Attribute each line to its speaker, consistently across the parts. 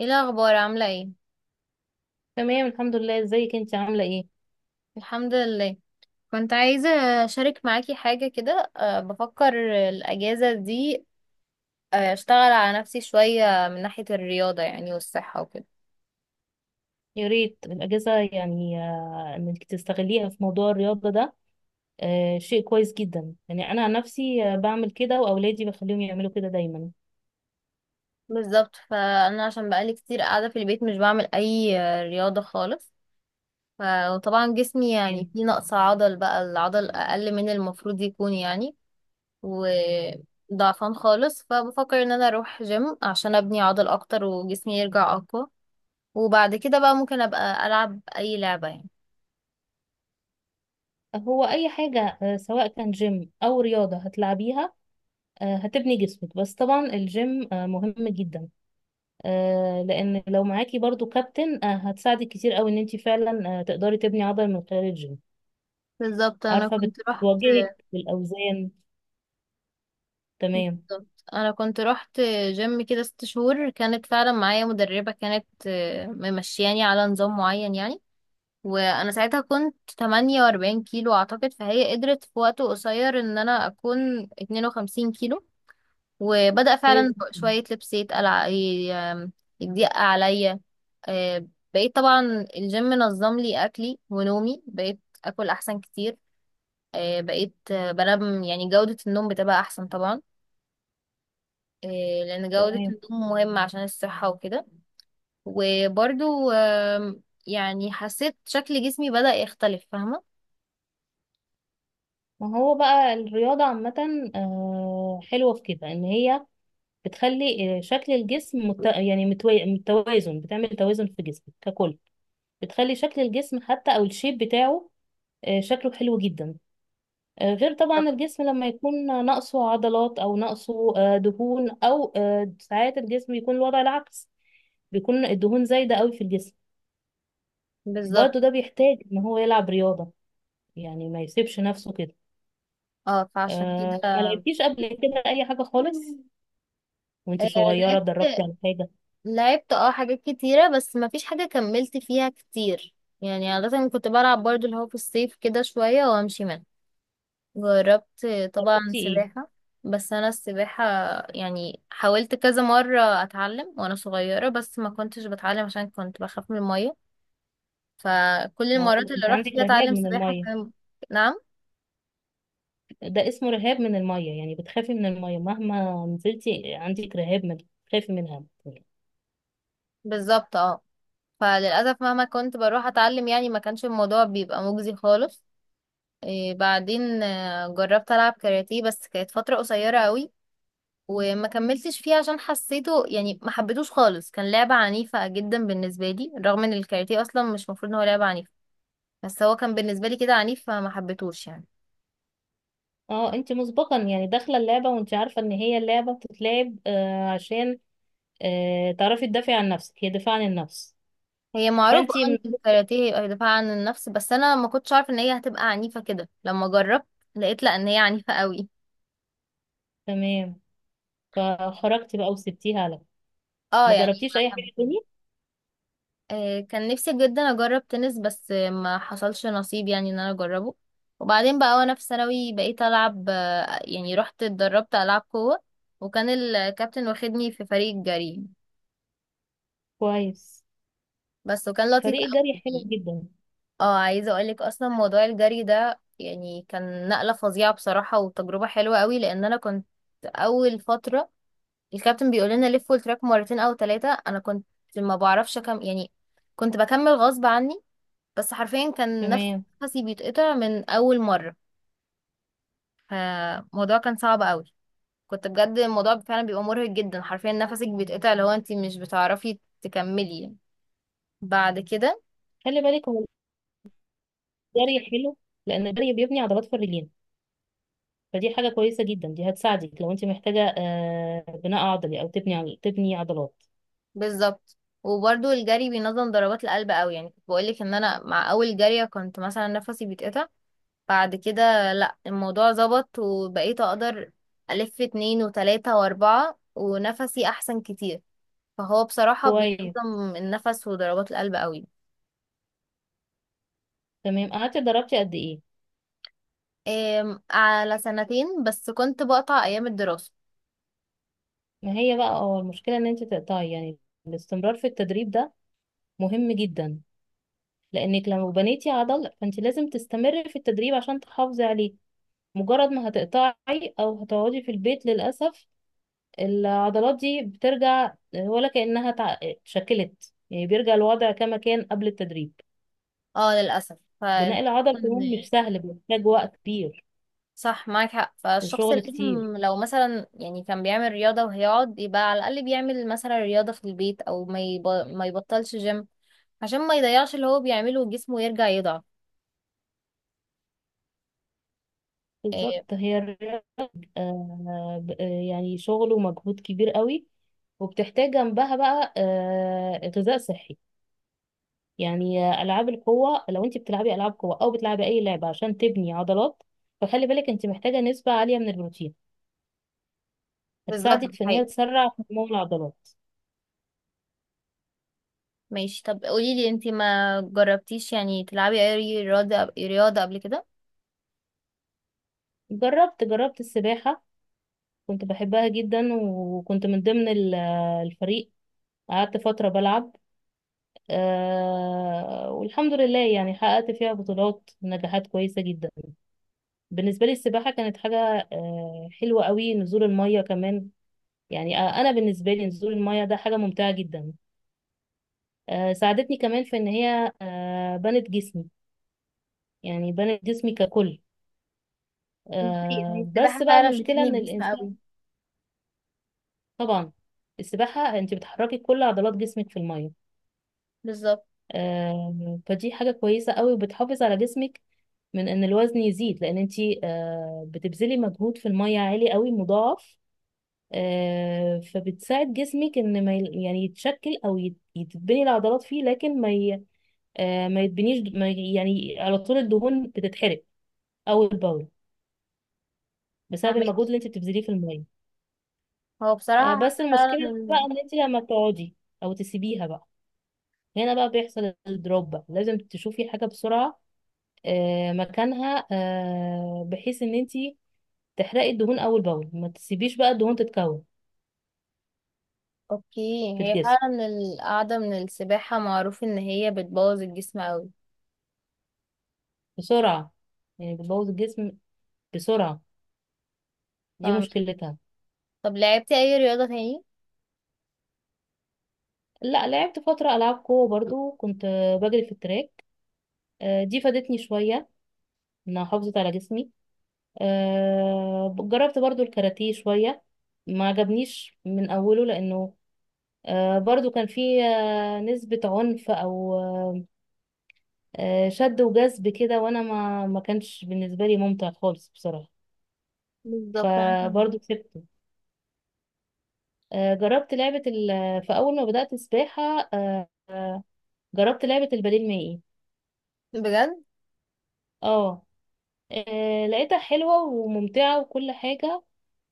Speaker 1: ايه الاخبار؟ عامله ايه؟
Speaker 2: تمام، الحمد لله. ازيك انت؟ عامله ايه؟
Speaker 1: الحمد لله. كنت عايزه اشارك معاكي حاجه كده. بفكر الاجازه دي، اشتغل على نفسي شويه من ناحيه الرياضه، يعني، والصحه وكده.
Speaker 2: يا ريت الاجازه، يعني، انك تستغليها في موضوع الرياضه ده. شيء كويس جدا. يعني انا عن نفسي بعمل كده، واولادي بخليهم يعملوا كده دايما.
Speaker 1: بالظبط، فانا عشان بقالي كتير قاعده في البيت، مش بعمل اي رياضه خالص. ف- وطبعا جسمي يعني
Speaker 2: يعني
Speaker 1: فيه نقص عضل، بقى العضل اقل من المفروض يكون يعني. وضعفان خالص، فبفكر ان انا اروح جيم عشان ابني عضل اكتر وجسمي يرجع اقوى. وبعد كده بقى ممكن ابقى العب اي لعبة، يعني.
Speaker 2: هو اي حاجه سواء كان جيم او رياضه هتلعبيها، هتبني جسمك. بس طبعا الجيم مهم جدا، لان لو معاكي برضو كابتن هتساعدك كتير قوي، ان انت فعلا تقدري تبني عضل من خلال الجيم.
Speaker 1: بالظبط انا
Speaker 2: عارفه
Speaker 1: كنت رحت
Speaker 2: بتواجهك بالاوزان. تمام.
Speaker 1: بالظبط، انا كنت رحت جيم كده ست شهور. كانت فعلا معايا مدربة، كانت ممشياني على نظام معين، يعني. وانا ساعتها كنت 48 كيلو اعتقد، فهي قدرت في وقت قصير ان انا اكون 52 كيلو. وبدأ
Speaker 2: كويس
Speaker 1: فعلا
Speaker 2: جدا.
Speaker 1: شوية لبس يتقلع، ي- آم، يضيق عليا. آه، بقيت طبعا الجيم نظم لي اكلي ونومي، بقيت اكل احسن كتير. بقيت بنام، يعني جودة النوم بتبقى أحسن طبعا. آه، لأن جودة
Speaker 2: تمام.
Speaker 1: النوم مهمة عشان الصحة وكده. وبرضو يعني حسيت شكل جسمي بدأ يختلف، فاهمة.
Speaker 2: ما هو بقى الرياضة عامة حلوة في كده، إن هي بتخلي شكل الجسم يعني متوازن. بتعمل توازن في جسمك ككل. بتخلي شكل الجسم حتى، أو الشيب بتاعه شكله حلو جدا، غير
Speaker 1: بالظبط.
Speaker 2: طبعا الجسم لما يكون ناقصه عضلات، أو ناقصه دهون، أو ساعات الجسم بيكون الوضع العكس. بيكون الدهون زايدة قوي في الجسم.
Speaker 1: بالظبط.
Speaker 2: برضه ده بيحتاج إن هو يلعب رياضة، يعني ما يسيبش نفسه كده.
Speaker 1: اه، فعشان
Speaker 2: ما
Speaker 1: كده
Speaker 2: لعبتيش قبل كده أي حاجة خالص؟ وانت
Speaker 1: آه،
Speaker 2: صغيرة
Speaker 1: لعبت
Speaker 2: اتدربتي على حاجة؟
Speaker 1: لعبت حاجات كتيرة بس ما فيش حاجة كملت فيها كتير. يعني عادة كنت بلعب برضو اللي هو في الصيف كده شوية وأمشي منها. جربت طبعا
Speaker 2: اتدربتي ايه؟
Speaker 1: سباحة. بس أنا السباحة يعني حاولت كذا مرة أتعلم وأنا صغيرة، بس ما كنتش بتعلم عشان كنت بخاف من المية. فكل المرات اللي
Speaker 2: انت
Speaker 1: رحت
Speaker 2: عندك
Speaker 1: فيها
Speaker 2: رهاب
Speaker 1: أتعلم
Speaker 2: من
Speaker 1: سباحة
Speaker 2: المية.
Speaker 1: كان... نعم.
Speaker 2: ده اسمه رهاب من المية. يعني بتخافي من المية مهما نزلتي، عندك رهاب من، بتخافي منها.
Speaker 1: بالظبط، اه. فللأسف مهما كنت بروح أتعلم، يعني ما كانش الموضوع بيبقى مجزي خالص. إيه، بعدين جربت ألعب كاراتيه، بس كانت فترة قصيرة قوي. وما كملتش فيه عشان حسيته، يعني ما حبيتوش خالص، كان لعبة عنيفة جدا بالنسبة لي، رغم ان الكاراتيه اصلا مش مفروض ان هو لعبة عنيفة. بس هو كان بالنسبة لي كده عنيف، فما حبيتهوش يعني.
Speaker 2: اه انت مسبقا يعني داخلة اللعبة وانت عارفة ان هي اللعبة بتتلعب عشان تعرفي تدافعي عن نفسك، هي دفاع عن النفس.
Speaker 1: هي معروفة
Speaker 2: فانت من...
Speaker 1: ان الكاراتيه دفاع عن النفس، بس انا ما كنتش عارفة ان هي هتبقى عنيفة كده لما جربت. لقيت لا، ان هي عنيفة قوي.
Speaker 2: تمام. فخرجتي بقى وسبتيها على.
Speaker 1: اه
Speaker 2: ما
Speaker 1: يعني
Speaker 2: جربتيش
Speaker 1: ما
Speaker 2: اي حاجة
Speaker 1: حبيتهاش.
Speaker 2: تانية؟
Speaker 1: كان نفسي جدا اجرب تنس، بس ما حصلش نصيب، يعني ان انا اجربه. وبعدين بقى وانا في ثانوي بقيت العب، يعني رحت اتدربت العب قوة. وكان الكابتن واخدني في فريق الجري،
Speaker 2: كويس.
Speaker 1: بس، وكان لطيف
Speaker 2: فريق الجري حلو
Speaker 1: قوي.
Speaker 2: جدا.
Speaker 1: اه، عايزه اقولك، اصلا موضوع الجري ده يعني كان نقله فظيعه بصراحه وتجربه حلوه قوي، لان انا كنت اول فتره الكابتن بيقول لنا لفوا التراك مرتين او ثلاثه، انا كنت ما بعرفش كم يعني. كنت بكمل غصب عني. بس حرفيا كان نفس
Speaker 2: تمام.
Speaker 1: نفسي بيتقطع من اول مره. فالموضوع كان صعب قوي. كنت بجد الموضوع فعلا بيبقى مرهق جدا، حرفيا نفسك بيتقطع لو انت مش بتعرفي تكملي. بعد كده
Speaker 2: خلي بالك، هو الجري حلو لان الجري بيبني عضلات في الرجلين. فدي حاجة كويسة جدا، دي هتساعدك لو انت محتاجة بناء عضلي، او تبني عضل، تبني عضلات.
Speaker 1: بالظبط. وبرده الجري بينظم ضربات القلب قوي. يعني كنت بقولك ان انا مع اول جريه كنت مثلا نفسي بيتقطع، بعد كده لا، الموضوع ظبط وبقيت اقدر الف اتنين وتلاتة واربعة ونفسي احسن كتير. فهو بصراحة
Speaker 2: كويس.
Speaker 1: بينظم النفس وضربات القلب قوي.
Speaker 2: تمام. قعدتي اتدربتي قد ايه؟
Speaker 1: إيه، على سنتين، بس كنت بقطع ايام الدراسة.
Speaker 2: ما هي بقى المشكلة ان انت تقطعي. يعني الاستمرار في التدريب ده مهم جدا، لانك لو بنيتي عضل فانت لازم تستمري في التدريب عشان تحافظي عليه. مجرد ما هتقطعي او هتقعدي في البيت، للأسف العضلات دي بترجع، ولا كأنها اتشكلت. يعني بيرجع الوضع كما كان قبل التدريب.
Speaker 1: اه للأسف، فالفكرة.
Speaker 2: بناء العضل كمان
Speaker 1: إن-
Speaker 2: مش سهل، بيحتاج وقت كبير
Speaker 1: صح، معاك حق. فالشخص
Speaker 2: وشغل
Speaker 1: لازم
Speaker 2: كتير.
Speaker 1: لو مثلا يعني كان بيعمل رياضة وهيقعد، يبقى على الأقل بيعمل مثلا رياضة في البيت، أو ما يبطلش جيم عشان ما يضيعش اللي هو بيعمله وجسمه يرجع يضعف.
Speaker 2: بالظبط،
Speaker 1: إيه.
Speaker 2: هي الرياضة يعني شغل ومجهود كبير قوي، وبتحتاج جنبها بقى غذاء صحي. يعني ألعاب القوة، لو انت بتلعبي ألعاب قوة أو بتلعبي أي لعبة عشان تبني عضلات، فخلي بالك انت محتاجة نسبة عالية من البروتين،
Speaker 1: بالظبط،
Speaker 2: هتساعدك
Speaker 1: دي
Speaker 2: في ان هي
Speaker 1: حقيقة.
Speaker 2: تسرع نمو العضلات.
Speaker 1: ماشي، طب قوليلي انتي ما جربتيش يعني تلعبي اي رياضة، رياضة، قبل كده؟
Speaker 2: جربت السباحة، كنت بحبها جدا. وكنت من ضمن الفريق. قعدت فترة بلعب. والحمد لله، يعني حققت فيها بطولات ونجاحات كويسة جدا. بالنسبة لي السباحة كانت حاجة حلوة قوي. نزول المية كمان، يعني أنا بالنسبة لي نزول المية ده حاجة ممتعة جدا. ساعدتني كمان في إن هي بنت جسمي، يعني بنت جسمي ككل.
Speaker 1: دي حقيقة، هي السباحة
Speaker 2: بس بقى
Speaker 1: فعلا
Speaker 2: المشكلة
Speaker 1: بتبني
Speaker 2: إن
Speaker 1: الجسم
Speaker 2: الإنسان.
Speaker 1: قوي.
Speaker 2: طبعا السباحة أنت بتحركي كل عضلات جسمك في المية.
Speaker 1: بالظبط.
Speaker 2: فدي حاجة كويسة قوي، وبتحافظ على جسمك من ان الوزن يزيد، لان انتي بتبذلي مجهود في المية عالي قوي مضاعف. فبتساعد جسمك ان ما يل- يعني يتشكل، او يتبني العضلات فيه، لكن ما يتبنيش. ما ي- يعني على طول الدهون بتتحرق، او البول، بسبب المجهود
Speaker 1: فاهمك.
Speaker 2: اللي انت بتبذليه في المية.
Speaker 1: هو بصراحة
Speaker 2: بس
Speaker 1: حاسة فعلا.
Speaker 2: المشكلة بقى ان انت لما بتقعدي او تسيبيها بقى، هنا بقى بيحصل الدروب. بقى لازم تشوفي حاجة بسرعة مكانها، بحيث ان انتي تحرقي الدهون اول باول. ما تسيبيش بقى الدهون تتكون
Speaker 1: اوكي.
Speaker 2: في
Speaker 1: هي
Speaker 2: الجسم
Speaker 1: فعلا القعدة من السباحة معروف ان هي بتبوظ الجسم اوي.
Speaker 2: بسرعه. يعني بتبوظ الجسم بسرعه، دي
Speaker 1: فاهمك.
Speaker 2: مشكلتها.
Speaker 1: طب لعبتي اي رياضة تاني؟
Speaker 2: لا، لعبت فتره العاب قوه برضو. كنت بجري في التراك. دي فادتني شويه، انها حافظت على جسمي. جربت برضو الكاراتيه شويه، ما عجبنيش من اوله لانه برضو كان فيه نسبه عنف، او شد وجذب كده. وانا ما كانش بالنسبه لي ممتع خالص بصراحه،
Speaker 1: بالظبط، انا فاهمة.
Speaker 2: فبرضه سبته. جربت لعبه في اول ما بدات سباحه، آه، آه، جربت لعبه البديل المائي.
Speaker 1: بجد؟
Speaker 2: اه. لقيتها حلوه وممتعه وكل حاجه،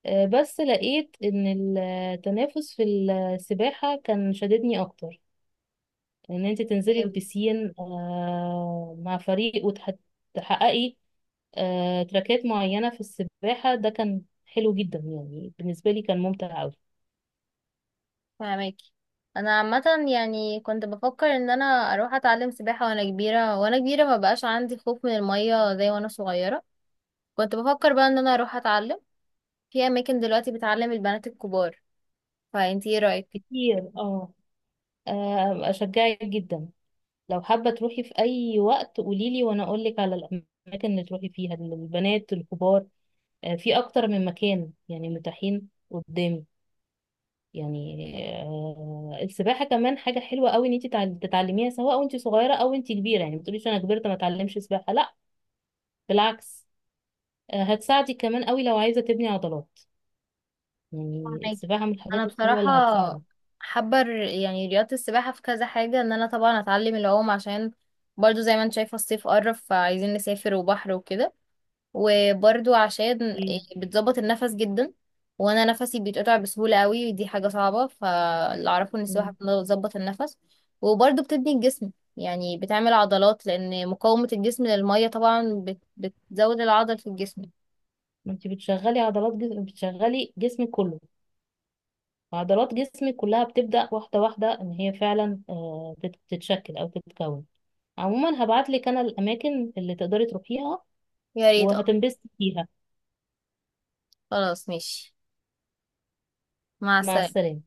Speaker 2: بس لقيت ان التنافس في السباحه كان شددني اكتر. ان انت تنزلي
Speaker 1: جامد.
Speaker 2: البسين مع فريق، وتحققي تراكات معينة في السباحة، ده كان حلو جدا. يعني بالنسبة لي كان ممتع أوي.
Speaker 1: فاهماكي. انا عامة، يعني كنت بفكر ان انا اروح اتعلم سباحة وانا كبيرة، وانا كبيرة ما بقاش عندي خوف من المية زي وانا صغيرة. كنت بفكر بقى ان انا اروح اتعلم في اماكن دلوقتي بتعلم البنات الكبار. فانتي ايه رأيك؟
Speaker 2: كتير، اه. أشجعك جدا. لو حابة تروحي في أي وقت قوليلي، وأنا أقولك على الأماكن اللي تروحي فيها للبنات الكبار. في أكتر من مكان يعني متاحين قدامي. يعني السباحة كمان حاجة حلوة أوي، إن أنت تتعلميها سواء وأنت صغيرة أو أنت كبيرة. يعني ما تقوليش أنا كبرت ما أتعلمش سباحة، لأ، بالعكس. هتساعدك كمان أوي لو عايزة تبني عضلات. يعني
Speaker 1: فهماكي.
Speaker 2: السباحة من الحاجات
Speaker 1: انا
Speaker 2: الحلوة
Speaker 1: بصراحه
Speaker 2: اللي هتساعدك.
Speaker 1: يعني رياضه السباحه في كذا حاجه، ان انا طبعا اتعلم العوم عشان، برضو زي ما انت شايفه، الصيف قرب فعايزين نسافر وبحر وكده. وبرضو عشان
Speaker 2: مم.
Speaker 1: بتظبط النفس جدا، وانا نفسي بيتقطع بسهوله قوي، ودي حاجه صعبه. فاللي اعرفه ان السباحه
Speaker 2: مم.
Speaker 1: بتظبط النفس، وبرضو بتبني الجسم، يعني بتعمل عضلات، لان مقاومه الجسم للميه طبعا بتزود العضل في الجسم.
Speaker 2: ما انت بتشغلي عضلات جسم، بتشغلي جسمك كله. عضلات جسمك كلها بتبدأ واحدة واحدة، ان هي فعلا تتشكل او تتكون. عموما هبعتلك انا الاماكن اللي تقدري تروحيها
Speaker 1: يا ريت، اه.
Speaker 2: وهتنبسطي فيها.
Speaker 1: خلاص ماشي. مع
Speaker 2: مع
Speaker 1: السلامه.
Speaker 2: السلامة.